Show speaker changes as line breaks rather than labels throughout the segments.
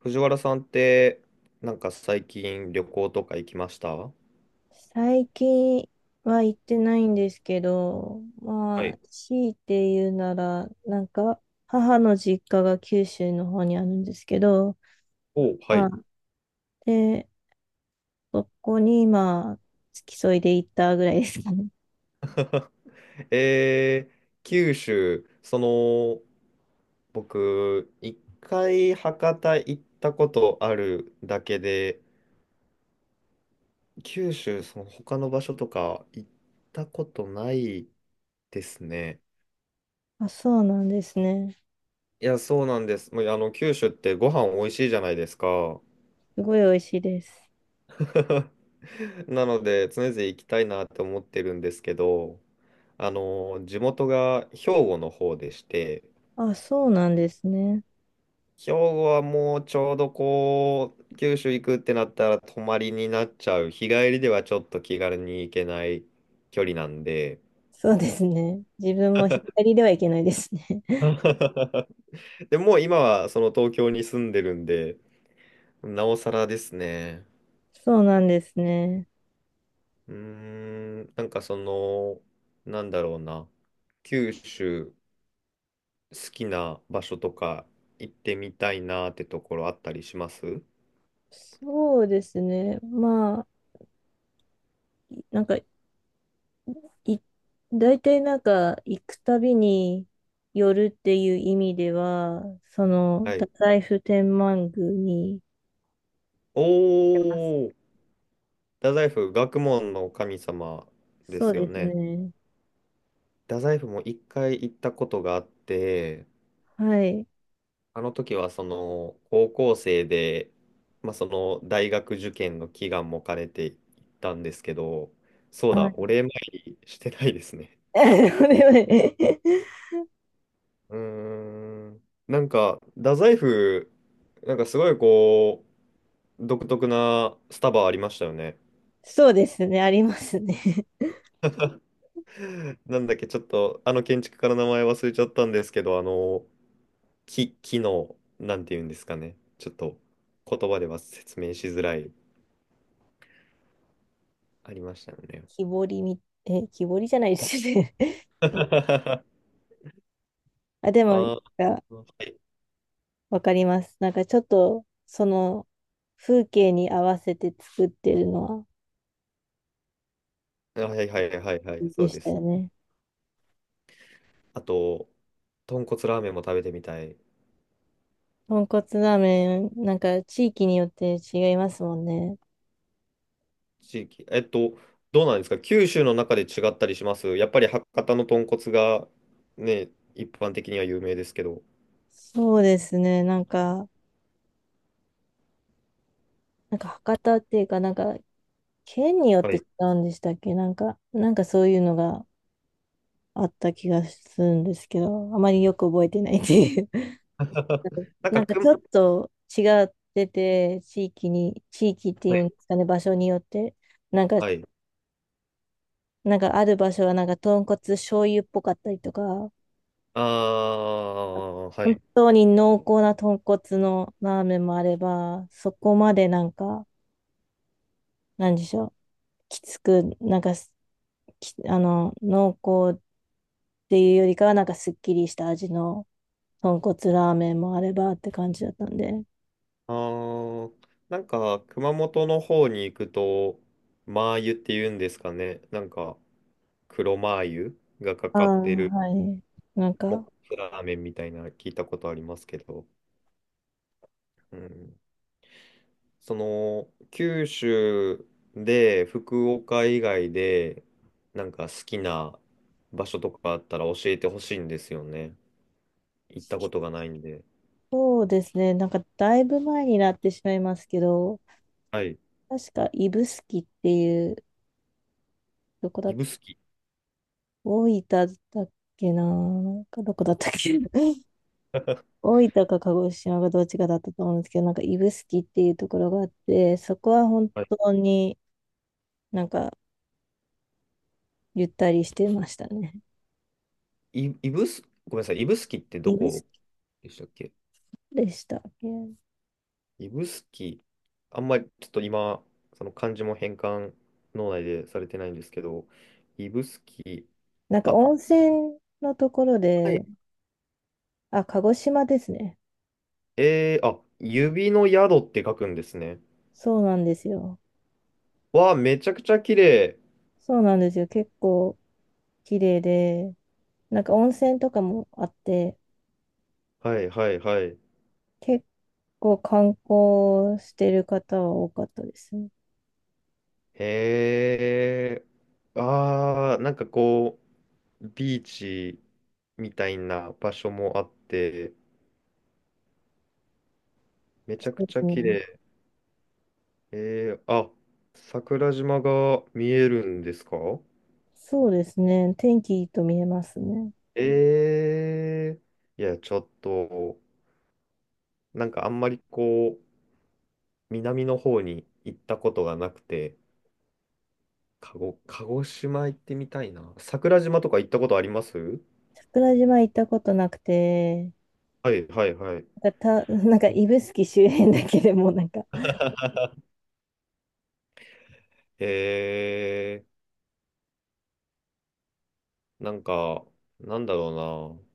藤原さんって、最近旅行とか行きました？
最近は行ってないんですけど、
は
まあ、
い。
強いて言うなら、母の実家が九州の方にあるんですけど、
お、は
まあ、
い。
で、そこに今、付き添いで行ったぐらいですかね。
えー、九州、その、僕、一回博多行ったことあるだけで、九州、その他の場所とか行ったことないですね。
あ、そうなんですね。
いや、そうなんです。もう、九州ってご飯美味しいじゃないですか。
すごい美味しいです。
なので、常々行きたいなって思ってるんですけど、地元が兵庫の方でして、
あ、そうなんですね。
兵庫はもうちょうどこう、九州行くってなったら泊まりになっちゃう。日帰りではちょっと気軽に行けない距離なんで。
そうですね。自分も左ではいけないですね。
でもう今はその東京に住んでるんで、なおさらですね。
そうなんですね。
その、なんだろうな。九州、好きな場所とか行ってみたいなってところあったりします？
そうですね。まあ、なんかい、大体行くたびに寄るっていう意味では、その、
は
太
い。
宰府天満宮に、てます。
お、太宰府、学問の神様で
そう
すよ
です
ね。
ね。
太宰府も一回行ったことがあって、
はい。
あの時はその高校生で、まあ、その大学受験の祈願も兼ねて行ったんですけど、そう
は
だ、お
い。
礼参りしてないですね。
これはね。
うーん。太宰府、すごいこう、独特なスタバありましたよね。
そうですね、ありますね。
なんだっけ、ちょっと、あの建築家の名前忘れちゃったんですけど、あの、き、機能、なんて言うんですかね。ちょっと言葉では説明しづらい、ありましたよね。
木彫りみ、木彫りじゃないですね。あ、でも、
あ
が、
ー、はい。
わかります。なんかちょっと、その風景に合わせて作ってるのは
はい、はい、はい、は
い
い、
い
そ
で
う
し
で
たよ
す。
ね。
あと、豚骨ラーメンも食べてみたい。
豚骨ラーメン、なんか地域によって違いますもんね。
地域。えっと、どうなんですか、九州の中で違ったりします？やっぱり博多の豚骨がね、一般的には有名ですけど。
そうですね。なんか博多っていうか、なんか県によっ
は
て違
い。
うんでしたっけ？なんかそういうのがあった気がするんですけど、あまりよく覚えてないっていう。なんか
く
ち
ん、
ょっと違ってて、地域って
は
い
い。
うんですかね、場所によって、なんか、
はい。
なんかある場所はなんか豚骨醤油っぽかったりとか、
ああ、は
本
い。
当に濃厚な豚骨のラーメンもあれば、そこまでなんか、なんでしょう、きつく、なんかす、きあの、濃厚っていうよりかは、なんかすっきりした味の豚骨ラーメンもあればって感じだったんで。
あー、熊本の方に行くと、マー油って言うんですかね。なんか、黒マー油がか
ああ、
かってる、
はい。なん
もっ
か、
こすラーメンみたいな、聞いたことありますけど、うん、その、九州で、福岡以外で、なんか好きな場所とかあったら教えてほしいんですよね。行ったことがないんで。
そうですね、なんかだいぶ前になってしまいますけど、
はい。
確か指宿っていう、どこだっ
指
た、
宿。
大分だったっけな、なんかどこだったっけ。大分か鹿児島がどっちかだったと思うんですけど、なんか指宿っていうところがあって、そこは本
はい。
当になんかゆったりしてましたね。
い、指宿、ごめんなさい。指宿ってど
指宿
こでしたっけ？
でしたっけ？
指宿、あんまりちょっと今、その漢字も変換、脳内でされてないんですけど、指宿、
なんか
あ、
温泉のところ
はい。
で、あ、鹿児島ですね。
えー、あ、指の宿って書くんですね。
そうなんですよ。
わあ、めちゃくちゃ綺麗。
そうなんですよ。結構綺麗で、なんか温泉とかもあって、
はい、はい、はい。
結構観光してる方は多かったですね。
へー、あー、なんかこう、ビーチみたいな場所もあって、めちゃ
そ
く
うで
ちゃ
す
綺
ね。
麗。えー、あ、桜島が見えるんですか？
そうですね。天気いいと見えますね。
ええ、いや、ちょっと、なんかあんまりこう、南の方に行ったことがなくて、鹿児、鹿児島行ってみたいな。桜島とか行ったことあります？
桜島行ったことなくて、
はい、はい、はい。
なんかた、なんか指宿周辺だけでもなんか、
えー、なんか、なんだろうな。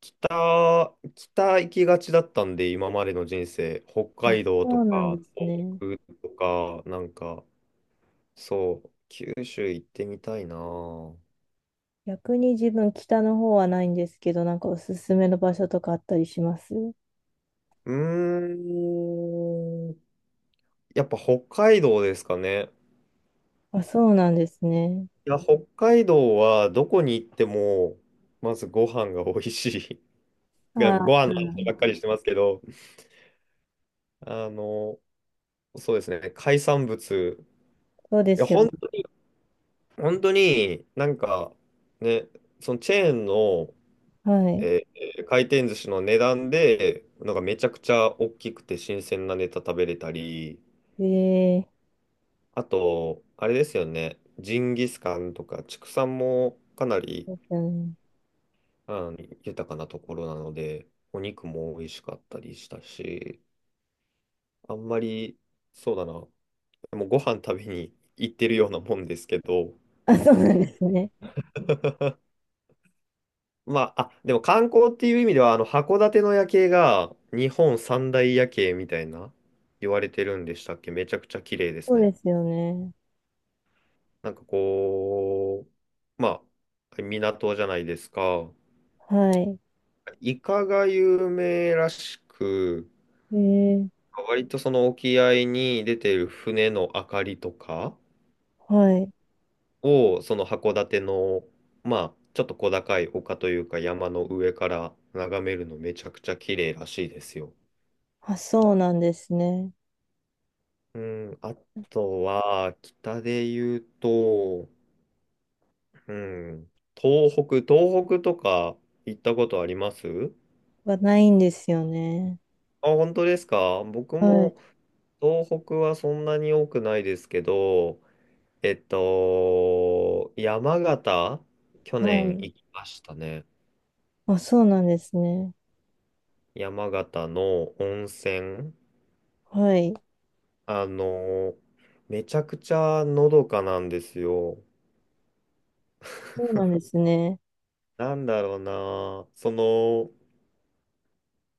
北、北行きがちだったんで、今までの人生。北
あ、
海道と
そうなん
か、
ですね。
東北とか、なんか、そう、九州行ってみたいな。う
逆に自分北の方はないんですけど、なんかおすすめの場所とかあったりします？
ーん。やっぱ北海道ですかね。
あ、そうなんですね。
いや、北海道はどこに行っても、まずご飯が美味しい。なん
あ
かご
あ、
飯の話ばっかりしてますけど、あの、そうですね、海産物。
そうですよね。
本当になんかね、そのチェーンの、
はい。
え回転寿司の値段で、なんかめちゃくちゃ大きくて新鮮なネタ食べれたり、
ええ、
あと、あれですよね、ジンギスカンとか畜産もかなり、
そうですよね。
あの、豊かなところなので、お肉も美味しかったりしたし、あんまり、そうだな、もうご飯食べに行ってるようなもんですけど、
あ、そうなんですね。
まあ、あ、でも観光っていう意味では、あの、函館の夜景が日本三大夜景みたいな、言われてるんでしたっけ？めちゃくちゃ綺麗です
そう
ね。
ですよね。
なんかこう、まあ、港じゃないですか。
はい。
イカが有名らしく、
ええ、
割とその沖合に出てる船の明かりとか
はい。
を、その函館の、まあ、ちょっと小高い丘というか山の上から眺めるのめちゃくちゃ綺麗らしいですよ。
あ、そうなんですね。
うん、あとは、北で言うと、うん、東北とか行ったことあります？
はないんですよね。
あ、本当ですか？僕
はい。
も東北はそんなに多くないですけど、えっと、山形、去
は
年
い。
行きましたね。
あ、そうなんですね。
山形の温泉、
はい。
あの、めちゃくちゃのどかなんですよ。
そうなんですね。
なんだろうな、その、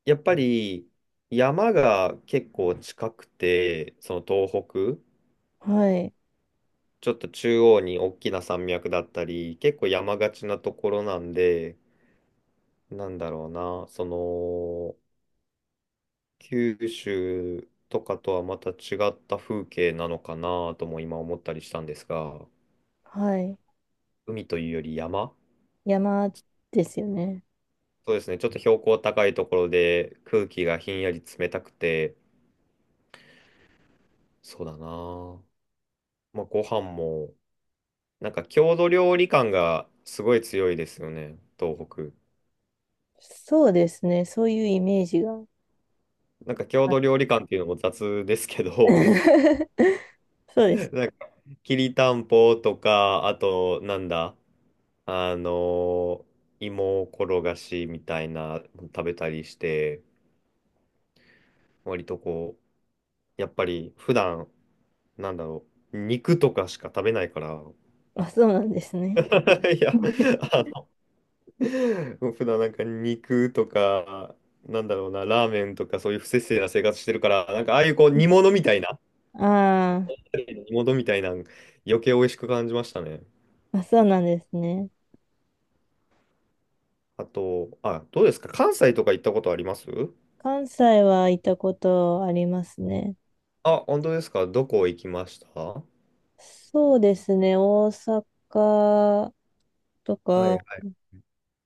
やっぱり山が結構近くて、その東北、
はい。
ちょっと中央に大きな山脈だったり、結構山がちなところなんで、なんだろうな、その、九州とかとはまた違った風景なのかなとも今思ったりしたんですが、
はい。
海というより山。
山ですよね。
そうですね、ちょっと標高高いところで空気がひんやり冷たくて、そうだな。まあ、ご飯も、なんか郷土料理感がすごい強いですよね、東北。
そうですね。そういうイメージが。
なんか郷
あ、
土料理感っていうのも雑ですけ ど、
そう で
な
す。
んかきりたんぽとか、あとなんだ、あの、芋転がしみたいなの食べたりして、割とこう、やっぱり普段、なんだろう、肉とかしか食べないから、
あ、そうなんですね。
いや、あの、普段なんか肉とか、なんだろうな、ラーメンとかそういう不摂生な生活してるから、ああいうこう
あ
煮物みたいな、余計美味しく感じましたね。
ー、あ、そうなんですね。
あと、あ、どうですか、関西とか行ったことあります？
関西はいたことありますね。
あ、本当ですか？どこ行きました？は
そうですね。大阪と
い、は
か、
い。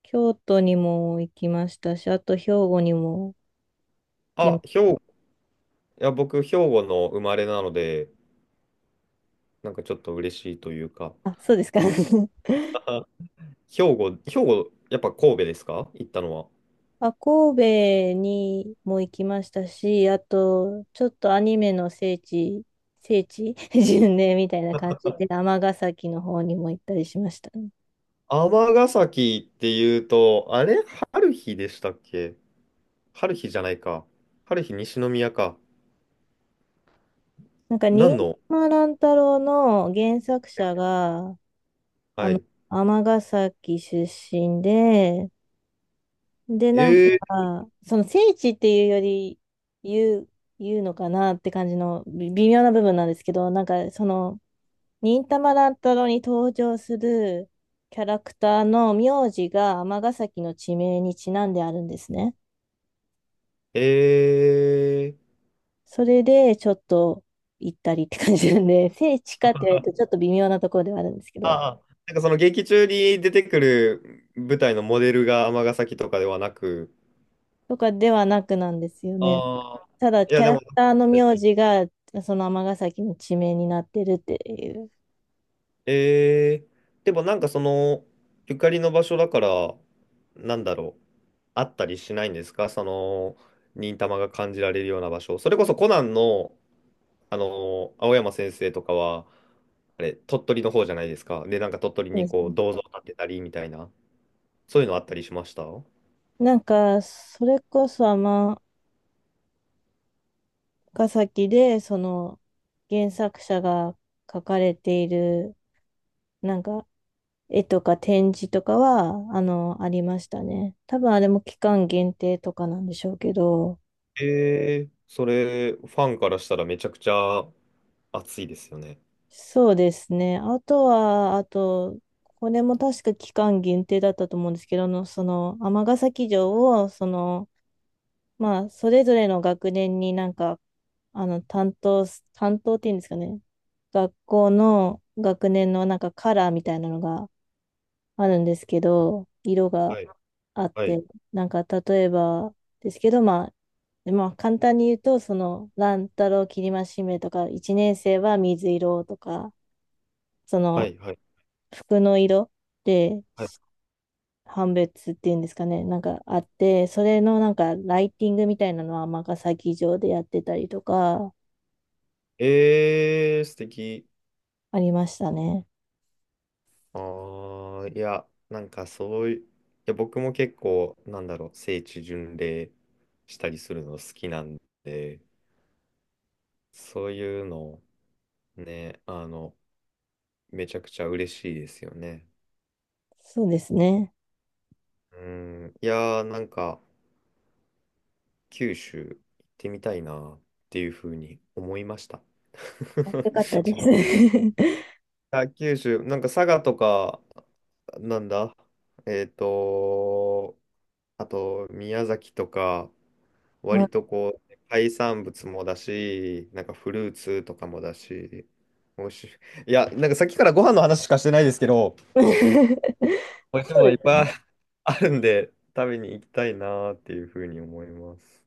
京都にも行きましたし、あと兵庫にも行きま
あ、
し
兵、
た。
いや、僕、兵庫の生まれなので、なんかちょっと嬉しいというか、
あ、そうですか。
あ、兵庫、やっぱ神戸ですか、行ったのは。
まあ、神戸にも行きましたし、あと、ちょっとアニメの聖地、聖地 巡礼みたいな感じで、尼崎の方にも行ったりしましたね。
尼崎っていうと、あれ春日でしたっけ？春日じゃないか。春日西宮か。
なんか、
何
新
の？
島乱太郎の原作者が、あ
は
の、
い。
尼崎出身で、で、なんか、
え
その聖地っていうより、言う、言うのかなって感じの微微妙な部分なんですけど、なんか、その、忍たま乱太郎に登場するキャラクターの名字が尼崎の地名にちなんであるんですね。
ー、えー、
それでちょっと行ったりって感じなんで、聖地かって言われるとちょっと微妙なところではあるんですけど、
ああ、なんかその劇中に出てくる舞台のモデルが尼崎とかではなく、
とかではなくなんですよね。
ああ、
ただ
い
キ
や、
ャ
で
ラ
も、
クターの名字がその尼崎の地名になってるっていう。
えー、でもなんかその、ゆかりの場所だから、なんだろう、あったりしないんですか、その、忍たまが感じられるような場所。それこそコナンの、あの、青山先生とかは、あれ、鳥取の方じゃないですか。で、なんか鳥取
そう
に
です
こ
ね。
う、銅像建てたりみたいな、そういうのあったりしました？
なんか、それこそ尼崎でその原作者が書かれているなんか絵とか展示とかは、あの、ありましたね。多分あれも期間限定とかなんでしょうけど、
えー、それ、ファンからしたらめちゃくちゃ熱いですよね。
そうですね。あとは、あと、これも確か期間限定だったと思うんですけど、あのその、尼崎城を、その、まあ、それぞれの学年になんか、あの、担当っていうんですかね。学校の学年のなんかカラーみたいなのがあるんですけど、色が
はい、
あっ
はい、
て、なんか例えばですけど、まあ、簡単に言うと、その、乱太郎きりましめとか、一年生は水色とか、そ
は
の、
い、はい。
服の色で
はい、
判別っていうんですかね、なんかあって、それのなんかライティングみたいなのは尼崎城でやってたりとか、
えー、素敵。
ありましたね。
ああ、いや、なんかそういう、いや、僕も結構、なんだろう、聖地巡礼したりするの好きなんで、そういうの、ね、あの、めちゃくちゃ嬉しいですよね。
そうですね。
うん、いやー、なんか、九州行ってみたいなっていうふうに思いました。
よ かったです。
あ、九州、なんか佐賀とか、なんだ、えっと、あと、宮崎とか、
は
割と
い。
こう、海産物もだし、なんかフルーツとかもだし、美味しい。いや、なんかさっきからご飯の話しかしてないですけど、
そ
美味しいも
う
のいっ
です
ぱ
ね。
いあるんで、食べに行きたいなーっていうふうに思います。